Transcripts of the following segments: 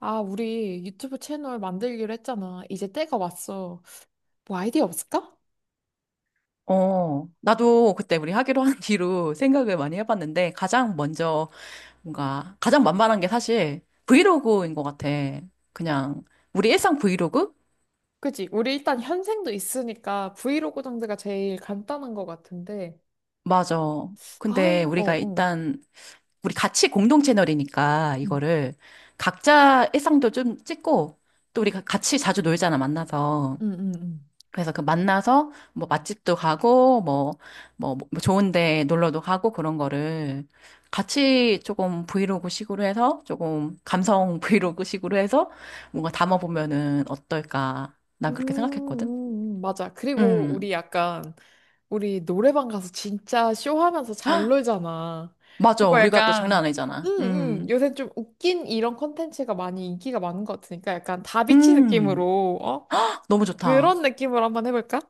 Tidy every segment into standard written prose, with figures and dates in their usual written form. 아, 우리 유튜브 채널 만들기로 했잖아. 이제 때가 왔어. 뭐 아이디어 없을까? 나도 그때 우리 하기로 한 뒤로 생각을 많이 해봤는데 가장 먼저 뭔가 가장 만만한 게 사실 브이로그인 것 같아. 그냥 우리 일상 브이로그? 그치? 우리 일단 현생도 있으니까 브이로그 정도가 제일 간단한 것 같은데. 맞아. 근데 아, 어, 우리가 어. 일단 우리 같이 공동 채널이니까 응, 이거를 각자 일상도 좀 찍고 또 우리가 같이 자주 놀잖아, 만나서. 응, 응. 응. 그래서 그 만나서 뭐 맛집도 가고 뭐 좋은 데 놀러도 가고 그런 거를 같이 조금 브이로그 식으로 해서 조금 감성 브이로그 식으로 해서 뭔가 담아보면은 어떨까. 난 그렇게 생각했거든. 맞아. 그리고 음. 우리 약간, 우리 노래방 가서 진짜 쇼하면서 잘 놀잖아. 맞아. 그거 우리가 또 약간, 장난 응, 아니잖아. 응. 음. 요새 좀 웃긴 이런 콘텐츠가 많이 인기가 많은 것 같으니까 약간 다비치 음. 느낌으로, 어? 너무 좋다. 그런 느낌으로 한번 해볼까?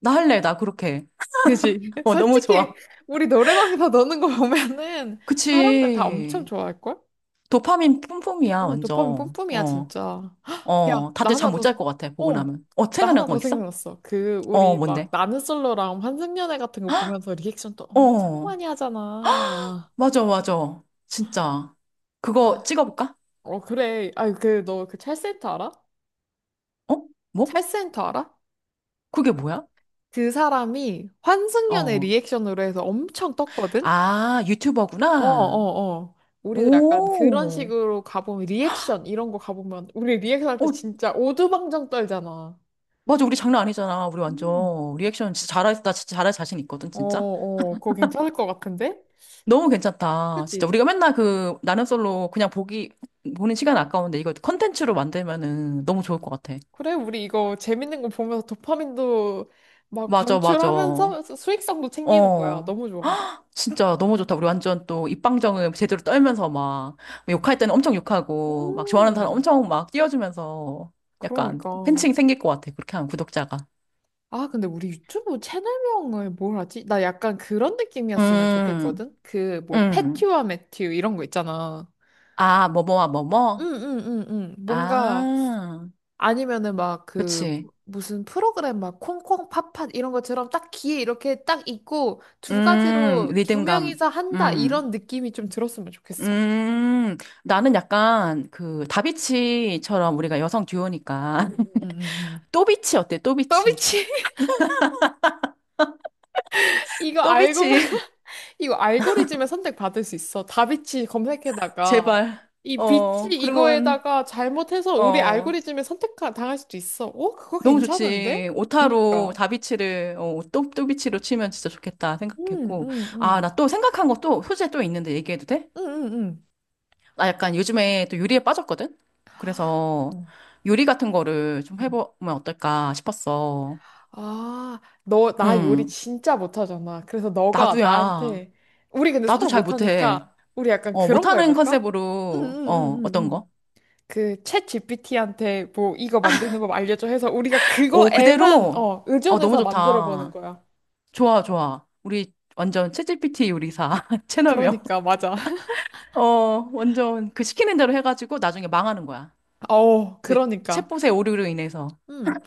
나 할래. 나 그렇게. 그지? 어, 너무 솔직히 좋아. 우리 노래방에서 노는 거 보면은 사람들 다 엄청 그치. 좋아할걸? 도파민 뿜뿜이야, 응, 도파민 완전. 뿜뿜이야 어. 진짜. 야, 어. 나 다들 하나 잠 못 더, 잘 것 같아, 보고 어, 나면. 어, 나 생각난 하나 거 더 있어? 생각났어. 그 어, 우리 막 뭔데? 나는 솔로랑 환승연애 같은 거 보면서 리액션 또 엄청 어, 많이 하잖아. 맞아, 맞아. 진짜. 그거 아, 찍어볼까? 어 그래. 아, 그 너 그 찰센터 알아? 어? 뭐? 찰센터 알아? 그게 뭐야? 그 사람이 환승연애 어. 리액션으로 해서 엄청 떴거든? 아, 어, 유튜버구나. 어, 어. 우리도 약간 그런 오. 식으로 가보면 리액션 이런 거 가보면 우리 리액션 할 때 어, 진짜 오두방정 떨잖아. 맞아. 우리 장난 아니잖아. 우리 음. 완전 리액션 진짜 잘할, 나 진짜 잘할 자신 있거든, 어, 진짜. 어. 그거 괜찮을 것 같은데? 너무 괜찮다. 진짜. 그치? 우리가 맨날 그, 나는 솔로 그냥 보기, 보는 시간 아까운데 이거 컨텐츠로 만들면은 너무 좋을 것 같아. 그래, 우리 이거 재밌는 거 보면서 도파민도 막 맞아, 맞아. 방출하면서 수익성도 챙기는 거야. 어. 너무 좋아. 진짜 너무 좋다. 우리 완전 또 입방정음 제대로 떨면서 막 욕할 때는 엄청 욕하고 막 좋아하는 사람 음, 엄청 막 띄워주면서 약간 그러니까. 팬층이 생길 것 같아. 그렇게 하면 구독자가. 아, 근데 우리 유튜브 채널명을 뭘 하지? 나 약간 그런 느낌이었으면 음, 좋겠거든? 그, 뭐, 음. 패튜와 매튜 이런 거 있잖아. 아, 뭐뭐와 뭐뭐? 응응응응 뭔가 아, 아니면은 막 그 그치. 무슨 프로그램 막 콩콩 팥팥 이런 것처럼 딱 귀에 이렇게 딱 있고 두 가지로 두 리듬감. 명이서 한다 음, 이런 느낌이 좀 들었으면 좋겠어. 음. 나는 약간 그 다비치처럼 우리가 여성 듀오니까 응응응응 또비치 어때? 또비치. 더비치 이거 알고 또비치. 이거 알고리즘에 선택받을 수 있어. 다비치 검색에다가 제발. 이 비치 그러면, 이거에다가 잘못해서 우리 어. 알고리즘에 선택 당할 수도 있어. 어 그거 너무 괜찮은데? 좋지. 오타로 그니까. 다비치를, 또비치로 치면 진짜 좋겠다 생각했고. 아, 나 또 생각한 거 또 소재 또 있는데 얘기해도 돼? 응응응응응응 나 약간 요즘에 또 요리에 빠졌거든? 그래서 요리 같은 거를 좀 음. 해보면 어떨까 싶었어. 아, 나 요리 응, 진짜 못하잖아. 그래서 너가 나도야. 나한테, 우리 근데 나도 서로 잘 못해. 못하니까, 우리 약간 어, 그런 거 못하는 해볼까? 응, 응, 컨셉으로, 응, 응, 어떤 거? 응. 그, 챗 GPT한테 뭐, 이거 만드는 법 알려줘 해서 우리가 오, 그거에만, 그대로? 어, 어, 너무 의존해서 만들어 보는 좋다. 거야. 좋아, 좋아. 우리 완전 챗 g 피티 요리사 채널명. 그러니까, 맞아. 어, 완전 그 시키는 대로 해가지고 나중에 망하는 거야. 어, 그 그러니까. 챗봇의 오류로 인해서. 음,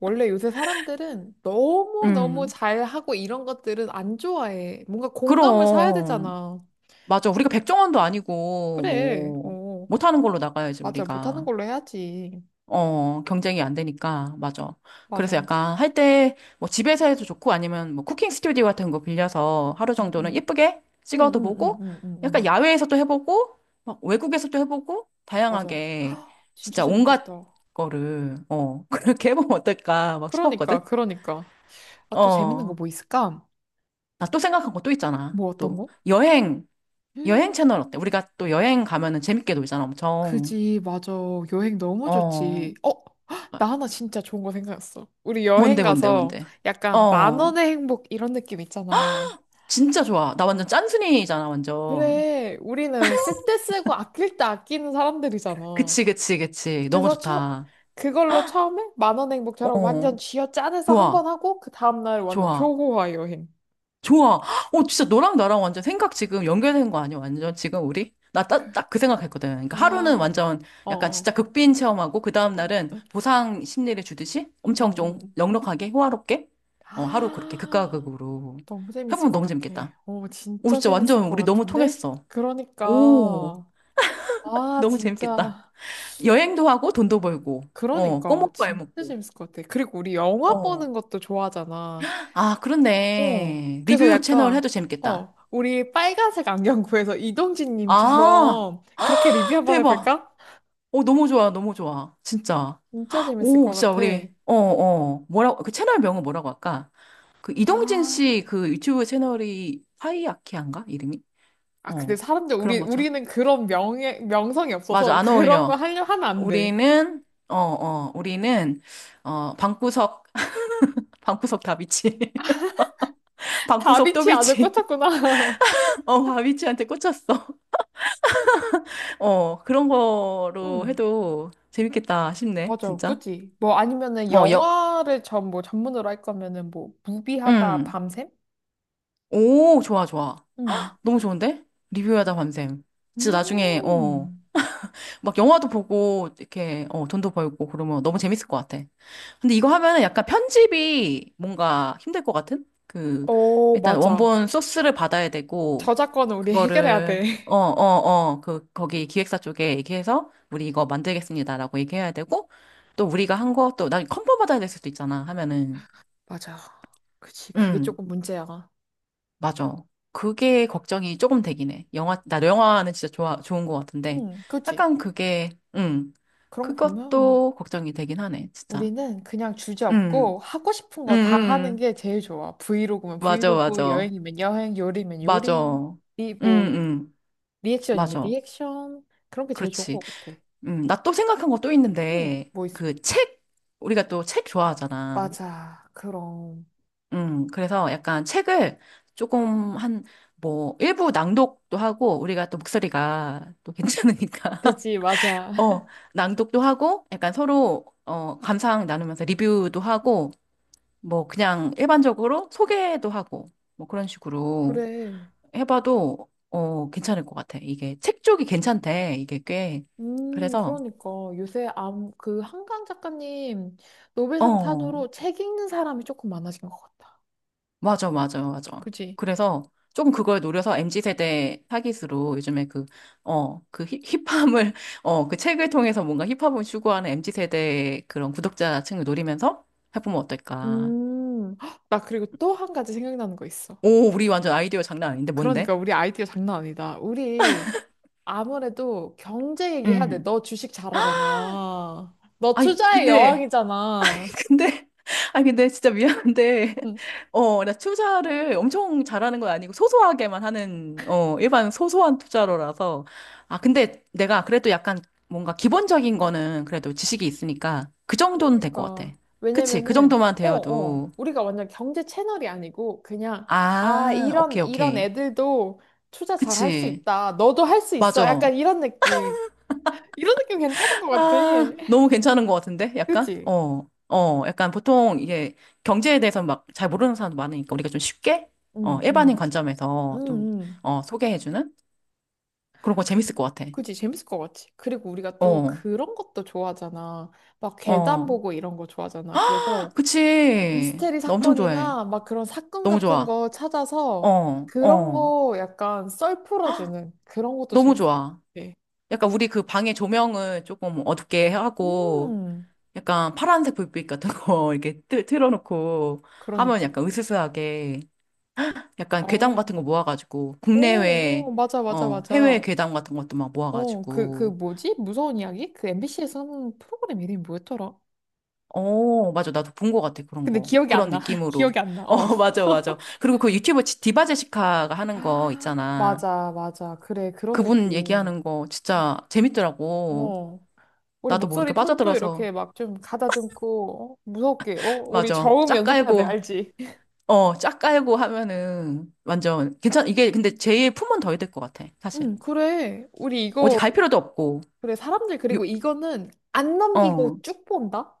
원래 요새 사람들은 너무너무 음, 잘하고 이런 것들은 안 좋아해. 뭔가 공감을 사야 그럼. 되잖아. 맞아. 우리가 그- 백종원도 아니고, 그래, 뭐, 어. 못하는 걸로 나가야지, 맞아. 못하는 우리가. 걸로 해야지. 어, 경쟁이 안 되니까, 맞아. 맞아. 그래서 응, 약간 할 때, 뭐 집에서 해도 좋고 아니면 뭐 쿠킹 스튜디오 같은 거 빌려서 하루 응. 정도는 응, 예쁘게 찍어도 응, 응, 보고, 응, 응, 약간 응. 야외에서도 해보고, 막 외국에서도 해보고, 맞아. 다양하게 헉, 진짜 진짜 온갖 재밌겠다. 거를, 그렇게 해보면 어떨까 막 그러니까, 싶었거든? 그러니까. 아, 또 재밌는 거 어, 뭐 있을까? 나 또 생각한 거 또 있잖아. 뭐 어떤 거? 여행 채널 어때? 음, 우리가 또 여행 가면은 재밌게 놀잖아, 엄청. 그지, 맞아. 여행 너무 어, 좋지. 어? 헉, 나 하나 진짜 좋은 거 생각났어. 우리 여행 뭔데, 뭔데, 가서 뭔데? 약간 만 어. 원의 행복 이런 느낌 있잖아. 진짜 좋아. 나 완전 짠순이잖아, 완전. 그래, 우리는 쓸 때 쓰고 아낄 때 아끼는 사람들이잖아. 그치, 그치, 그치. 너무 그래서 처, 좋다. 그걸로 처음에 10,000원 행복처럼 완전 어, 쥐어 짜내서 한 번 좋아, 하고 그 다음날 완전 좋아, 초호화 여행. 좋아. 어, 진짜 너랑 나랑 완전 생각 지금 연결된 거 아니야, 완전 지금 우리? 나 딱 그 생각했거든. 그러니까 하루는 아, 완전 어, 약간 진짜 어, 극빈 체험하고, 그 어. 다음날은 보상 심리를 주듯이 엄청 음, 좀 음. 넉넉하게, 호화롭게, 하루 그렇게 극과 아, 극으로 너무 재밌을 해보면 것 너무 같아. 재밌겠다. 오, 오, 진짜 진짜 재밌을 완전 것 우리 너무 같은데? 통했어. 오, 그러니까, 아, 너무 재밌겠다. 진짜. 여행도 하고 돈도 응. 벌고, 어, 그러니까, 꺼먹고 진짜 알먹고. 재밌을 것 같아. 그리고 우리 영화 어. 보는 것도 좋아하잖아. 아, 어, 그렇네. 그래서 리뷰 채널 약간, 해도 재밌겠다. 우리 빨간색 안경 구해서 아, 이동진님처럼 그렇게 리뷰 한번 대박. 해볼까? 오, 너무 좋아, 너무 좋아. 진짜. 진짜 재밌을 오, 것 진짜 같아. 우리, 어, 어. 뭐라고, 그 채널 명은 뭐라고 할까? 그 이동진 아, 씨 그 유튜브 채널이 파이아키아인가? 이름이? 아, 근데 어, 사람들, 그런 거죠. 우리는 그런 명예, 명성이 맞아, 없어서 안 그런 거 어울려. 하려 하면 안 돼. 우리는, 어, 어, 우리는, 어, 방구석, 방구석 다비치. 방구석 다비치 아주 또비치. 꽂혔구나. 어, 다비치한테 꽂혔어. 어, 그런 거로 음, 해도 재밌겠다 싶네, 맞아, 그 진짜. 지뭐 아니면은 어, 여, 영화를 뭐 전문으로 할 거면은 뭐, 무비하다 음. 밤샘? 오, 좋아, 좋아. 음, 너무 좋은데? 리뷰하다 밤샘. 진짜 나중에. 음. 막 영화도 보고 이렇게 돈도 벌고 그러면 너무 재밌을 것 같아. 근데 이거 하면은 약간 편집이 뭔가 힘들 것 같은? 그 오 일단 맞아. 원본 소스를 받아야 되고 저작권은 우리 해결해야 그거를 돼. 그 거기 기획사 쪽에 얘기해서 우리 이거 만들겠습니다라고 얘기해야 되고 또 우리가 한 것도 난 컨펌 받아야 될 수도 있잖아 하면은 맞아. 그치. 그게 음. 조금 문제야. 맞아. 그게 걱정이 조금 되긴 해. 나 영화는 진짜 좋아, 좋은 것 같은데. 응, 그치. 약간 그게, 그런 거 보면 그것도 걱정이 되긴 하네, 진짜. 우리는 그냥 주제 음 없고 하고 싶은 음음 거 다 하는 음. 게 제일 좋아. 브이로그면 맞아, 브이로그, 맞아. 여행이면 여행, 요리면 맞아. 요리, 뭐, 음 리액션이면 맞아. 리액션. 그런 게 제일 좋은 그렇지. 것 같아. 나 또 생각한 거 또 응, 있는데, 뭐 있어. 그 책, 우리가 또 책 좋아하잖아. 맞아. 그럼. 그래서 약간 책을 조금 한, 뭐, 일부 낭독도 하고, 우리가 또 목소리가 또 괜찮으니까. 그치, 맞아. 어, 낭독도 하고, 약간 서로, 어, 감상 나누면서 리뷰도 하고, 뭐, 그냥 일반적으로 소개도 하고, 뭐, 그런 식으로 그래. 해봐도, 어, 괜찮을 것 같아. 이게 책 쪽이 괜찮대, 이게 꽤. 그래서, 그러니까 요새 그 한강 작가님 노벨상 어, 탄으로 책 읽는 사람이 조금 많아진 것 같다. 맞아, 맞아, 맞아. 그치? 그래서 조금 그걸 노려서 MZ세대 타깃으로 요즘에 힙함을, 어, 그 책을 통해서 뭔가 힙합을 추구하는 MZ세대 그런 구독자층을 노리면서 해보면 어떨까. 헉, 나 그리고 또 한 가지 생각나는 거 있어. 오, 우리 완전 아이디어 장난 아닌데, 뭔데? 그러니까 우리 아이디어 장난 아니다. 우리 아무래도 경제 얘기해야 돼. 음. 너 주식 잘하잖아. 너 아니, 투자의 근데, 여왕이잖아. 근데, 아니, 근데 진짜 미안한데, 응, 어, 나 투자를 엄청 잘하는 건 아니고, 소소하게만 하는, 일반 소소한 투자로라서. 아, 근데 내가 그래도 약간 뭔가 기본적인 거는 그래도 지식이 있으니까, 그 정도는 될 것 같아. 그러니까. 그치? 그 왜냐면은, 정도만 어, 어. 되어도. 우리가 완전 경제 채널이 아니고, 그냥, 아, 아, 오케이, 이런 오케이. 애들도 투자 잘할 수 그치? 있다. 너도 할 수 있어. 맞아. 약간 이런 느낌. 이런 느낌 괜찮은 것 같아. 아, 예. 너무 괜찮은 것 같은데? 약간? 그치? 약간 보통 이게 경제에 대해서 막 잘 모르는 사람도 많으니까 우리가 좀 쉽게, 응, 일반인 응. 응, 관점에서 좀, 응. 소개해주는? 그런 거 그, 재밌을 것 같아. 그치, 재밌을 것 같지. 그리고 우리가 또 어, 그런 것도 좋아하잖아. 막 계단 어. 보고 이런 거 좋아하잖아. 그래서 그치. 미스테리 나 엄청 좋아해. 사건이나 막 그런 사건 너무 같은 좋아. 거 어, 찾아서 그런 어. 거 약간 썰 헉, 풀어주는 그런 것도 너무 재밌을 좋아. 것 같아. 약간 우리 그 방의 조명을 조금 어둡게 하고, 음, 약간 파란색 불빛 같은 거 이렇게 틀어놓고 하면 그러니까. 약간 으스스하게 약간 괴담 어, 같은 거 모아가지고, 오, 국내외, 오, 맞아, 맞아, 어, 해외 맞아. 괴담 같은 것도 막 어, 그 모아가지고, 뭐지? 무서운 이야기? 그 MBC에서 하는 프로그램 이름이 뭐였더라? 어, 맞아. 나도 본 것 같아. 그런 근데 거. 기억이 안 그런 나. 느낌으로. 기억이 안 나. 어, 어. 맞아, 맞아. 그리고 그 유튜버 디바 제시카가 하는 거 있잖아. 맞아, 맞아. 그래, 그런 그분 느낌. 얘기하는 거 진짜 재밌더라고. 어. 우리 나도 모르게 목소리 톤도 빠져들어서. 이렇게 막 좀 가다듬고, 무섭게, 어? 우리 맞아. 저음 짝 연습해야 돼, 깔고, 알지? 어, 짝 깔고 하면은 완전 괜찮, 이게 근데 제일 품은 더 해야 될 것 같아. 사실. 응, 그래. 우리 어디 이거, 갈 필요도 없고. 그래, 사람들, 유- 그리고 이거는 안 넘기고 어. 쭉 본다?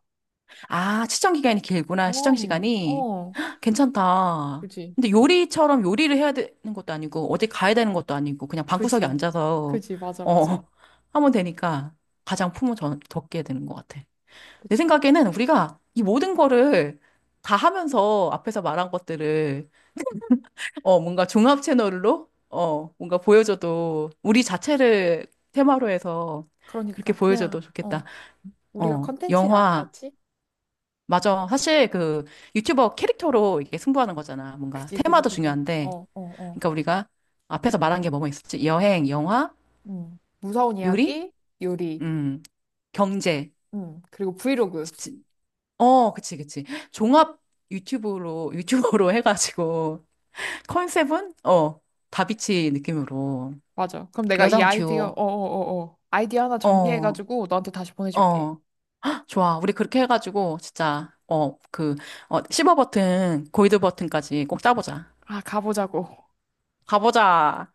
아, 시청 기간이 길구나. 시청 어, 시간이. 어. 괜찮다. 그지, 근데 요리처럼 요리를 해야 되는 것도 아니고, 어디 가야 되는 것도 아니고, 그냥 방구석에 그지, 앉아서, 그지, 맞아, 어, 맞아. 하면 되니까 가장 품을 적게 되는 것 같아. 내 그지. 생각에는 우리가 이 모든 거를 다 하면서 앞에서 말한 것들을, 뭔가 종합 채널로, 뭔가 보여줘도, 우리 자체를 테마로 해서 그렇게 그러니까, 보여줘도 그냥, 좋겠다. 어. 우리가 어, 컨텐츠야, 영화, 맞지? 맞아. 사실 그 유튜버 캐릭터로 이게 승부하는 거잖아. 뭔가 그지, 그지, 테마도 그지. 중요한데, 어, 어, 어. 그러니까 우리가 앞에서 말한 게 뭐뭐 있었지? 여행, 영화, 무서운 요리, 이야기, 요리. 음, 경제. 그리고 브이로그. 지- 어, 그치, 그치. 종합 유튜브로, 유튜버로 해가지고, 컨셉은, 다비치 느낌으로. 맞아. 그럼 내가 이 여성 아이디어, 듀오. 어어어어. 아이디어 하나 어, 정리해가지고 너한테 다시 보내줄게. 어. 좋아. 우리 그렇게 해가지고, 진짜, 실버 버튼, 골드 버튼까지 꼭 따보자. 아, 가보자고. 가보자.